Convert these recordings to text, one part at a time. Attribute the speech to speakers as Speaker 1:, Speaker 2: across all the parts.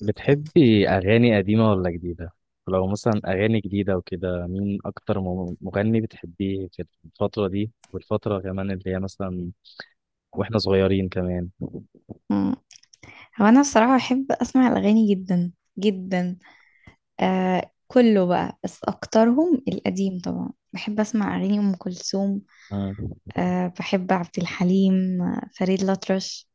Speaker 1: بتحبي أغاني قديمة ولا جديدة؟ ولو مثلا أغاني جديدة وكده مين أكتر مغني بتحبيه في الفترة دي والفترة كمان اللي هي مثلا، وإحنا صغيرين كمان.
Speaker 2: مم. هو انا الصراحه بحب اسمع الاغاني جدا جدا. آه، كله بقى، بس اكترهم القديم. طبعا بحب اسمع اغاني ام كلثوم.
Speaker 1: آه.
Speaker 2: آه، بحب عبد الحليم، فريد الأطرش.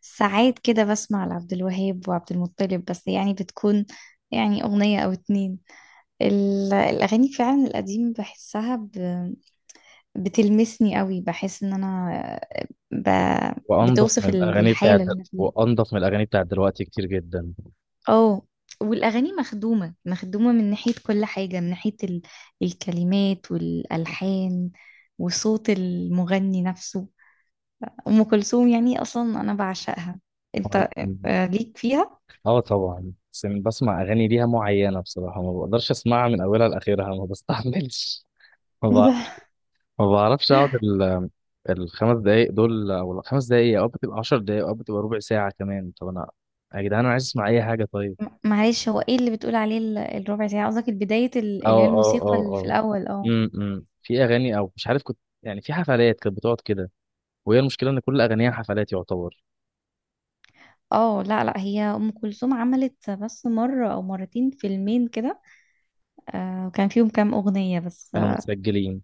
Speaker 2: ساعات كده بسمع لعبد الوهاب وعبد المطلب، بس يعني بتكون يعني اغنيه او اتنين. الاغاني فعلا القديم بحسها. بتلمسني قوي، بحس ان انا.
Speaker 1: وأنضف
Speaker 2: بتوصف
Speaker 1: من الأغاني بتاعت
Speaker 2: الحاله اللي انا فيها
Speaker 1: دلوقتي كتير جدا.
Speaker 2: اه. والاغاني مخدومه مخدومه من ناحيه كل حاجه، من ناحيه الكلمات والالحان وصوت المغني نفسه. ام كلثوم يعني اصلا انا بعشقها.
Speaker 1: وال-
Speaker 2: انت.
Speaker 1: م-
Speaker 2: آه، ليك فيها.
Speaker 1: آه طبعا، بس أنا بسمع أغاني ليها معينة بصراحة. ما بقدرش أسمعها من أولها لآخرها، ما بستحملش. ما
Speaker 2: ايه ده؟
Speaker 1: بع- ما بعرفش أقعد الخمس دقايق، او بتبقى عشر دقايق، او بتبقى ربع ساعة كمان. طب انا يا جدعان انا عايز اسمع اي حاجة. طيب.
Speaker 2: معلش، هو ايه اللي بتقول عليه الربع ساعه؟ قصدك البدايه اللي هي
Speaker 1: اه اه
Speaker 2: الموسيقى
Speaker 1: اه
Speaker 2: اللي في
Speaker 1: اه.
Speaker 2: الاول اه.
Speaker 1: إمم. في اغاني، او مش عارف، كنت يعني في حفلات كانت بتقعد كده، وهي المشكلة ان كل اغانيها حفلات يعتبر.
Speaker 2: اه، لا لا، هي ام كلثوم عملت بس مره او مرتين فيلمين كده. آه، وكان فيهم كام اغنيه بس
Speaker 1: كانوا
Speaker 2: اه.
Speaker 1: متسجلين،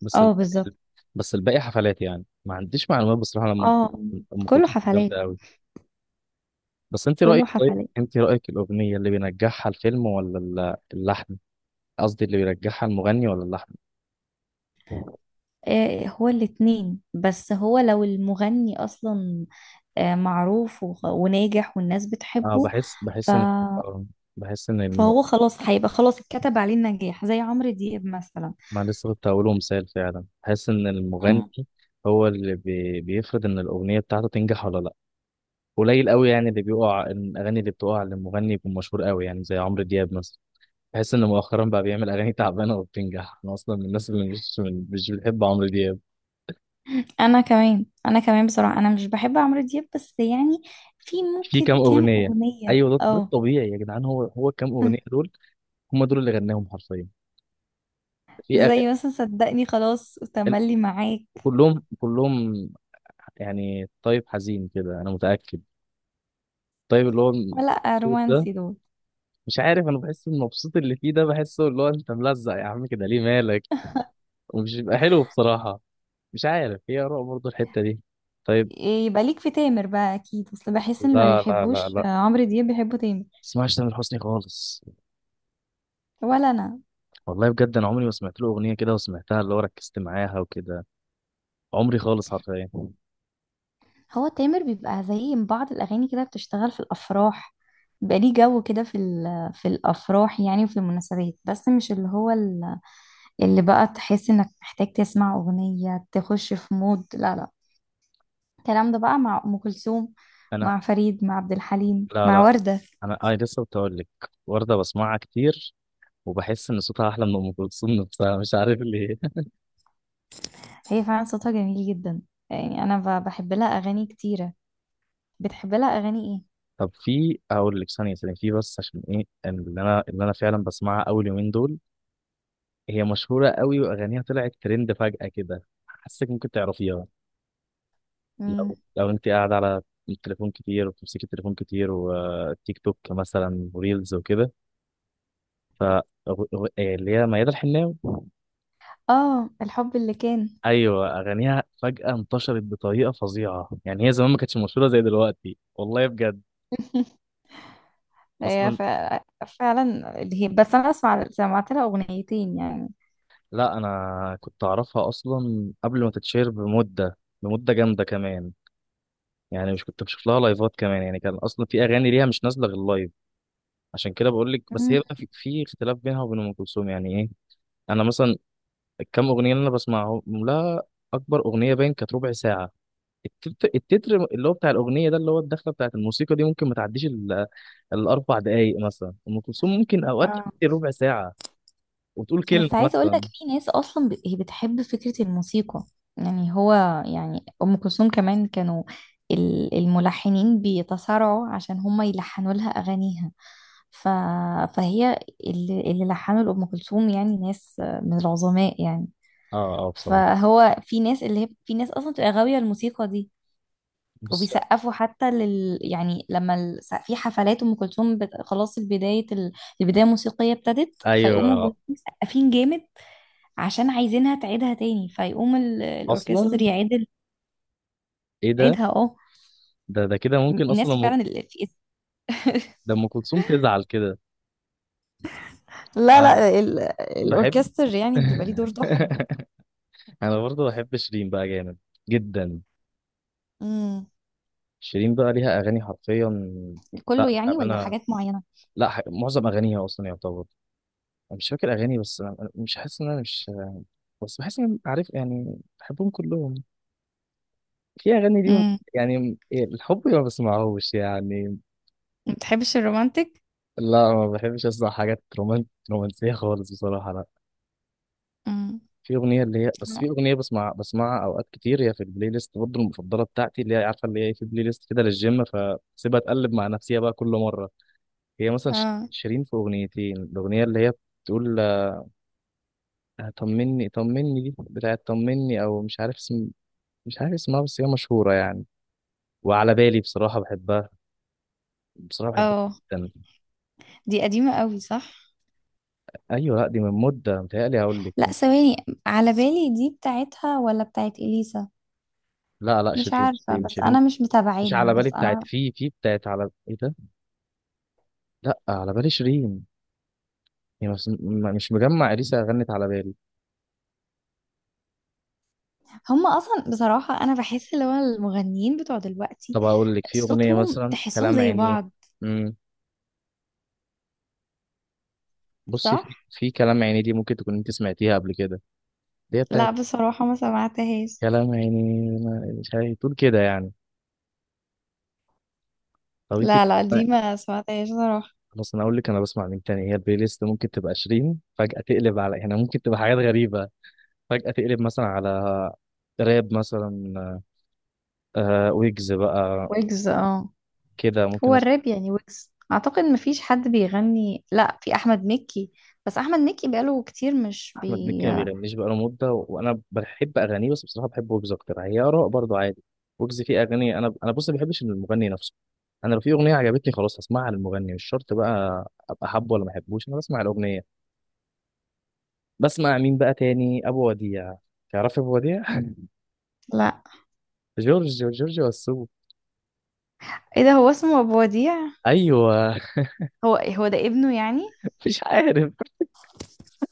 Speaker 1: بس ال...
Speaker 2: آه، بالظبط.
Speaker 1: بس الباقي حفلات. يعني ما عنديش معلومات بصراحة عن
Speaker 2: اه.
Speaker 1: أم
Speaker 2: كله
Speaker 1: كلثوم،
Speaker 2: حفلات.
Speaker 1: جامدة قوي. بس انت رأيك،
Speaker 2: كله
Speaker 1: طيب
Speaker 2: حفلات.
Speaker 1: انت رأيك، الأغنية اللي بينجحها الفيلم ولا اللحن؟ قصدي اللي بينجحها المغني ولا اللحن؟
Speaker 2: آه، هو الاتنين، بس هو لو المغني اصلا آه، معروف وناجح والناس
Speaker 1: اه،
Speaker 2: بتحبه.
Speaker 1: بحس
Speaker 2: ف...
Speaker 1: بحس ان، آه، بحس ان الم...
Speaker 2: فهو خلاص، هيبقى خلاص اتكتب عليه النجاح زي عمرو دياب مثلا.
Speaker 1: ما لسه كنت هقوله، مثال، فعلا بحس ان المغني
Speaker 2: مم.
Speaker 1: هو اللي بيفرض ان الاغنيه بتاعته تنجح ولا لا. قليل قوي يعني اللي بيقع، الاغاني اللي بتقع للمغني يكون مشهور قوي، يعني زي عمرو دياب مثلا. بحس ان مؤخرا بقى بيعمل اغاني تعبانه وبتنجح، انا اصلا من الناس اللي مش بتحب عمرو دياب.
Speaker 2: انا كمان بصراحة انا مش بحب عمرو دياب، بس يعني في
Speaker 1: في كام
Speaker 2: ممكن كام
Speaker 1: اغنيه.
Speaker 2: اغنية
Speaker 1: ايوه، ده
Speaker 2: اه.
Speaker 1: الطبيعي يا جدعان، هو الكام اغنيه دول هم دول اللي غناهم حرفيا. في
Speaker 2: زي
Speaker 1: أغاني
Speaker 2: مثلا صدقني خلاص وتملي معاك.
Speaker 1: كلهم، يعني طيب حزين كده انا متاكد. طيب اللي هو
Speaker 2: لا،
Speaker 1: المبسوط ده،
Speaker 2: رومانسي دول.
Speaker 1: مش عارف، انا بحس المبسوط اللي فيه ده بحسه اللي هو انت ملزق يا عم، كده ليه مالك؟ ومش بيبقى حلو بصراحه. مش عارف، هي اراء برضه الحته دي. طيب.
Speaker 2: يبقى ليك في تامر بقى اكيد، بس بحس ان ما
Speaker 1: لا لا لا
Speaker 2: بيحبوش
Speaker 1: لا،
Speaker 2: عمرو دياب، بيحبوا تامر.
Speaker 1: اسمعش تامر حسني خالص.
Speaker 2: ولا انا.
Speaker 1: والله بجد، انا عمري ما سمعت له اغنيه كده وسمعتها، اللي هو ركزت معاها وكده، عمري خالص حرفيا.
Speaker 2: هو تامر بيبقى زي بعض الأغاني كده بتشتغل في الأفراح. بيبقى ليه جو كده في الأفراح يعني، وفي المناسبات، بس مش اللي هو اللي بقى تحس إنك محتاج تسمع أغنية تخش في مود. لا لا. الكلام ده بقى مع أم كلثوم،
Speaker 1: انا،
Speaker 2: مع فريد، مع عبد الحليم،
Speaker 1: لا
Speaker 2: مع
Speaker 1: لا،
Speaker 2: وردة.
Speaker 1: انا اي لسه بتقول لك، ورده بسمعها كتير، وبحس ان صوتها احلى من ام كلثوم نفسها، مش عارف ليه.
Speaker 2: هي فعلا صوتها جميل جدا. يعني أنا بحب لها أغاني كتيرة. بتحب لها أغاني إيه؟
Speaker 1: طب في، اقول لك، ثانيه ثانيه، في بس عشان ايه، اللي انا فعلا بسمعها اول يومين دول، هي مشهوره قوي واغانيها طلعت ترند فجاه كده، حاسك ممكن تعرفيها
Speaker 2: مم.
Speaker 1: لو انت قاعده على التليفون كتير، وبتمسكي التليفون كتير، وتيك توك مثلا وريلز وكده. ف إيه، اللي هي ميادة الحناوي.
Speaker 2: آه، الحب اللي كان.
Speaker 1: ايوه، اغانيها فجاه انتشرت بطريقه فظيعه، يعني هي زمان ما كانتش مشهوره زي دلوقتي، والله بجد،
Speaker 2: هي
Speaker 1: اصلا.
Speaker 2: فعلا اللي هي، بس انا سمعت لها اغنيتين يعني.
Speaker 1: لا انا كنت اعرفها اصلا قبل ما تتشهر بمده، جامده كمان. يعني مش كنت بشوف لها لايفات كمان، يعني كان اصلا في اغاني ليها مش نازله غير لايف. عشان كده بقول لك. بس هي
Speaker 2: مم.
Speaker 1: بقى في اختلاف بينها وبين ام كلثوم يعني. ايه، انا مثلا، الكام اغنيه اللي انا بسمعهم لها، اكبر اغنيه باين كانت ربع ساعه. التتر اللي هو بتاع الاغنيه ده، اللي هو الدخله بتاعت الموسيقى دي، ممكن ما تعديش الاربع دقائق مثلا. ام كلثوم ممكن اوقات
Speaker 2: اه.
Speaker 1: تعدي ربع ساعه وتقول كلمه
Speaker 2: بس عايزه اقول لك
Speaker 1: مثلا.
Speaker 2: في ناس اصلا هي بتحب فكره الموسيقى. يعني هو، يعني ام كلثوم كمان كانوا الملحنين بيتصارعوا عشان هم يلحنوا لها اغانيها. ف... فهي اللي لحنوا لام كلثوم، يعني ناس من العظماء يعني.
Speaker 1: اه اه، بصراحه.
Speaker 2: فهو في ناس، اللي هي في ناس اصلا بتبقى غاويه الموسيقى دي.
Speaker 1: بص،
Speaker 2: وبيسقفوا حتى يعني لما في حفلات ام كلثوم خلاص، البدايه الموسيقيه ابتدت، فيقوموا
Speaker 1: ايوه،
Speaker 2: الجمهور مسقفين جامد عشان عايزينها تعيدها تاني، فيقوم
Speaker 1: اصلا،
Speaker 2: الاوركستر يعيد ال-
Speaker 1: ايه
Speaker 2: يعيدها اه.
Speaker 1: ده كده ممكن
Speaker 2: الناس فعلا ال... في
Speaker 1: ده ام كلثوم تزعل كده.
Speaker 2: لا
Speaker 1: انا
Speaker 2: لا،
Speaker 1: بحب.
Speaker 2: الاوركستر يعني بيبقى ليه دور تحفة.
Speaker 1: انا برضه بحب شيرين بقى، جامد جدا.
Speaker 2: امم
Speaker 1: شيرين بقى ليها اغاني حرفيا. لا
Speaker 2: كله يعني ولا
Speaker 1: انا،
Speaker 2: حاجات معينه؟
Speaker 1: لا ح... معظم اغانيها اصلا يعتبر. أنا مش فاكر اغاني، بس انا مش حاسس ان انا مش، بس بحس ان انا عارف يعني بحبهم كلهم، في اغاني ليهم.
Speaker 2: امم
Speaker 1: يعني إيه، الحب ما بسمعهوش يعني.
Speaker 2: ما بتحبش الرومانتك؟
Speaker 1: لا، ما بحبش اسمع حاجات رومانسيه خالص بصراحه، لا.
Speaker 2: امم
Speaker 1: في اغنيه اللي هي، بس في اغنيه بسمعها اوقات كتير، هي في البلاي ليست برضه المفضله بتاعتي، اللي هي عارفه اللي هي في بلاي ليست كده للجيم، فسيبها تقلب مع نفسيها بقى كل مره. هي مثلا،
Speaker 2: اه،
Speaker 1: شيرين في اغنيتين، الاغنيه اللي هي بتقول، آه، طمني، طمني دي بتاعت طمني او مش عارف اسم، مش عارف اسمها بس هي مشهوره يعني. وعلى بالي بصراحه بحبها، بصراحه بحبها
Speaker 2: اه.
Speaker 1: جدا.
Speaker 2: دي قديمة قوي، صح؟
Speaker 1: ايوه، لا دي من مده متهيألي، هقول لك.
Speaker 2: لا ثواني. على بالي دي بتاعتها ولا بتاعت اليسا؟
Speaker 1: لا لا،
Speaker 2: مش
Speaker 1: شيرين،
Speaker 2: عارفة،
Speaker 1: شيرين،
Speaker 2: بس
Speaker 1: شيرين.
Speaker 2: انا مش
Speaker 1: مش على
Speaker 2: متابعيهم،
Speaker 1: بالي
Speaker 2: بس
Speaker 1: بتاعت،
Speaker 2: انا
Speaker 1: في بتاعت، على، ايه ده، لا على بالي شيرين. يعني بس، مش مجمع اليسا غنت على بالي.
Speaker 2: هم اصلا بصراحة انا بحس اللي هو المغنيين بتوع دلوقتي
Speaker 1: طب اقول لك في اغنيه
Speaker 2: صوتهم
Speaker 1: مثلا
Speaker 2: تحسهم
Speaker 1: كلام
Speaker 2: زي
Speaker 1: عينيه.
Speaker 2: بعض.
Speaker 1: امم، بصي،
Speaker 2: صح.
Speaker 1: في كلام عينيه دي ممكن تكون انت سمعتيها قبل كده. دي
Speaker 2: لا
Speaker 1: بتاعت
Speaker 2: بصراحة ما سمعتهاش.
Speaker 1: كلام عينيه، مش عارف تقول كده يعني. طب انت
Speaker 2: لا لا،
Speaker 1: ما-
Speaker 2: دي ما سمعتهاش صراحة.
Speaker 1: خلاص، انا اقول لك انا بسمع مين تاني. هي البلاي ليست ممكن تبقى 20 فجاه تقلب على، يعني ممكن تبقى حاجات غريبه، فجاه تقلب مثلا على راب مثلا، آه ويجز بقى
Speaker 2: ويجز، اه.
Speaker 1: كده ممكن.
Speaker 2: هو الراب يعني ويجز، اعتقد ما فيش حد بيغني، لا في احمد مكي. بس احمد مكي بقاله كتير مش بي.
Speaker 1: احمد مكي ما بيغنيش بقاله مده، وانا بحب اغانيه بس بصراحه بحب ويجز اكتر، هي اراء برضه عادي. ويجز فيه اغاني. انا بص، ما بحبش المغني نفسه. انا لو في اغنيه عجبتني خلاص هسمعها للمغني، مش شرط بقى ابقى حابه ولا ما احبوش، انا بسمع الاغنيه. بسمع مين بقى تاني؟ ابو وديع. تعرف ابو وديع؟
Speaker 2: لا،
Speaker 1: جورج، جورج وسوف.
Speaker 2: ايه ده؟ هو اسمه ابو وديع؟
Speaker 1: ايوه.
Speaker 2: هو هو ده ابنه يعني؟
Speaker 1: مش عارف،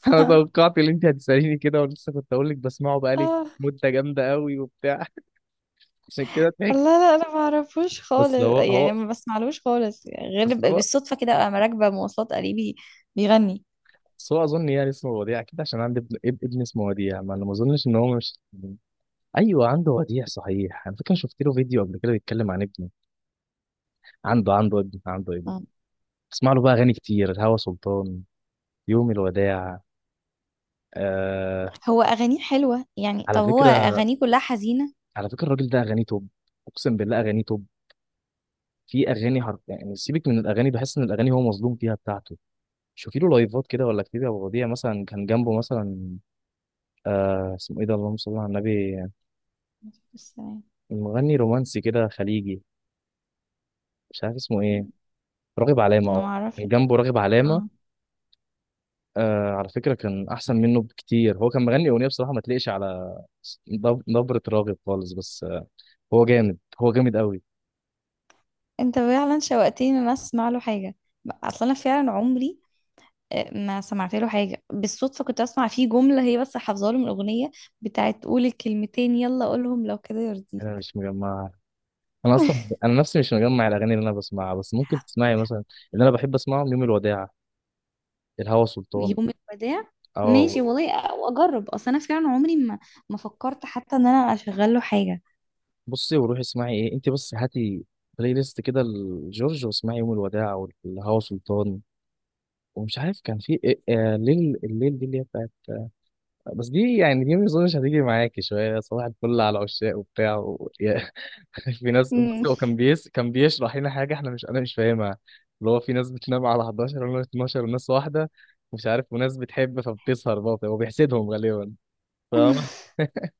Speaker 1: انا توقعت ان انت هتساليني كده ولسه كنت اقول لك بسمعه بقالي
Speaker 2: اه.
Speaker 1: مده جامده قوي وبتاع. عشان كده ضحكت.
Speaker 2: الله، لا انا ما اعرفوش خالص،
Speaker 1: بس هو
Speaker 2: يعني
Speaker 1: هو
Speaker 2: ما بسمعلوش خالص يعني غير
Speaker 1: بس هو
Speaker 2: بالصدفه كده انا راكبه مواصلات قريبي بيغني.
Speaker 1: بس هو اظن يعني اسمه وديع كده، عشان عندي ابن ابن اسمه وديع. ما انا ما اظنش ان هو مش، ايوه عنده وديع صحيح، انا فاكر شفت له فيديو قبل كده بيتكلم عن ابنه، عنده ابن.
Speaker 2: آه.
Speaker 1: بسمع له بقى اغاني كتير، الهوى سلطان، يوم الوداع، آه.
Speaker 2: هو اغانيه حلوه يعني،
Speaker 1: على
Speaker 2: طب هو
Speaker 1: فكره
Speaker 2: اغانيه كلها حزينه؟
Speaker 1: على فكره الراجل ده اغانيه توب، اقسم بالله اغانيه توب. في اغاني حرف يعني، سيبك من الاغاني، بحس ان الاغاني هو مظلوم فيها بتاعته. شوفي له لايفات كده، ولا كتير يا ابو وديع مثلا كان جنبه مثلا، آه اسمه ايه ده، اللهم صل على النبي،
Speaker 2: بس تمام.
Speaker 1: المغني رومانسي كده خليجي، مش عارف اسمه ايه،
Speaker 2: مم.
Speaker 1: راغب علامه،
Speaker 2: انا ما
Speaker 1: اه. كان
Speaker 2: اعرفش.
Speaker 1: جنبه راغب علامه،
Speaker 2: اه.
Speaker 1: آه. على فكره كان احسن منه بكتير، هو كان مغني اغنيه بصراحه ما تليقش على نبره راغب خالص، بس آه، هو جامد قوي.
Speaker 2: انت فعلا شوقتني ان انا اسمع له حاجه. اصلا انا فعلا عمري ما سمعت له حاجه. بالصدفه كنت اسمع فيه جمله، هي بس حافظاها له من اغنيه بتاعت قولي كلمتين يلا قولهم لو كده
Speaker 1: انا
Speaker 2: يرضيك.
Speaker 1: مش مجمعها. انا اصلا انا نفسي مش مجمع الاغاني اللي انا بسمعها، بس ممكن تسمعي مثلا اللي انا بحب اسمعهم، يوم الوداع، الهوى سلطان،
Speaker 2: يوم الوداع.
Speaker 1: اه.
Speaker 2: ماشي والله، واجرب، اصل انا فعلا عمري ما فكرت حتى ان انا اشغل له حاجه.
Speaker 1: بصي وروحي اسمعي، ايه انت، بس هاتي بلاي ليست كده لجورج واسمعي يوم الوداع والهوى سلطان، ومش عارف كان في آه، الليل، الليل دي اللي هي بتاعت، بس دي يعني، دي ما اظنش هتيجي معاكي شويه، صباح الفل على عشاق وبتاع في ناس، بص،
Speaker 2: مم.
Speaker 1: هو كان كان بيشرح لنا حاجه احنا مش، انا مش فاهمها، اللي هو في ناس بتنام على 11 ولا 12، وناس واحده مش عارف، وناس بتحب فبتسهر، برضه هو بيحسدهم غالبا. فاهمة؟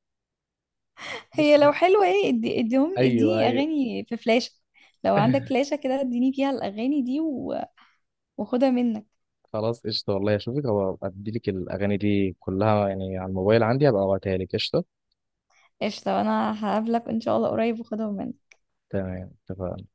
Speaker 1: بص
Speaker 2: هي لو
Speaker 1: ده،
Speaker 2: حلوة، ايه، ادي اديهم
Speaker 1: ايوه
Speaker 2: اديني
Speaker 1: ايوه.
Speaker 2: اغاني في فلاشة. لو عندك فلاشة كده اديني فيها الاغاني دي واخدها منك.
Speaker 1: خلاص قشطه، والله اشوفك هبقى اديلك الاغاني دي كلها، يعني على الموبايل عندي هبقى ابعتها لك. قشطه.
Speaker 2: قشطة، انا هقابلك ان شاء الله قريب واخدهم منك.
Speaker 1: تمام اتفقنا.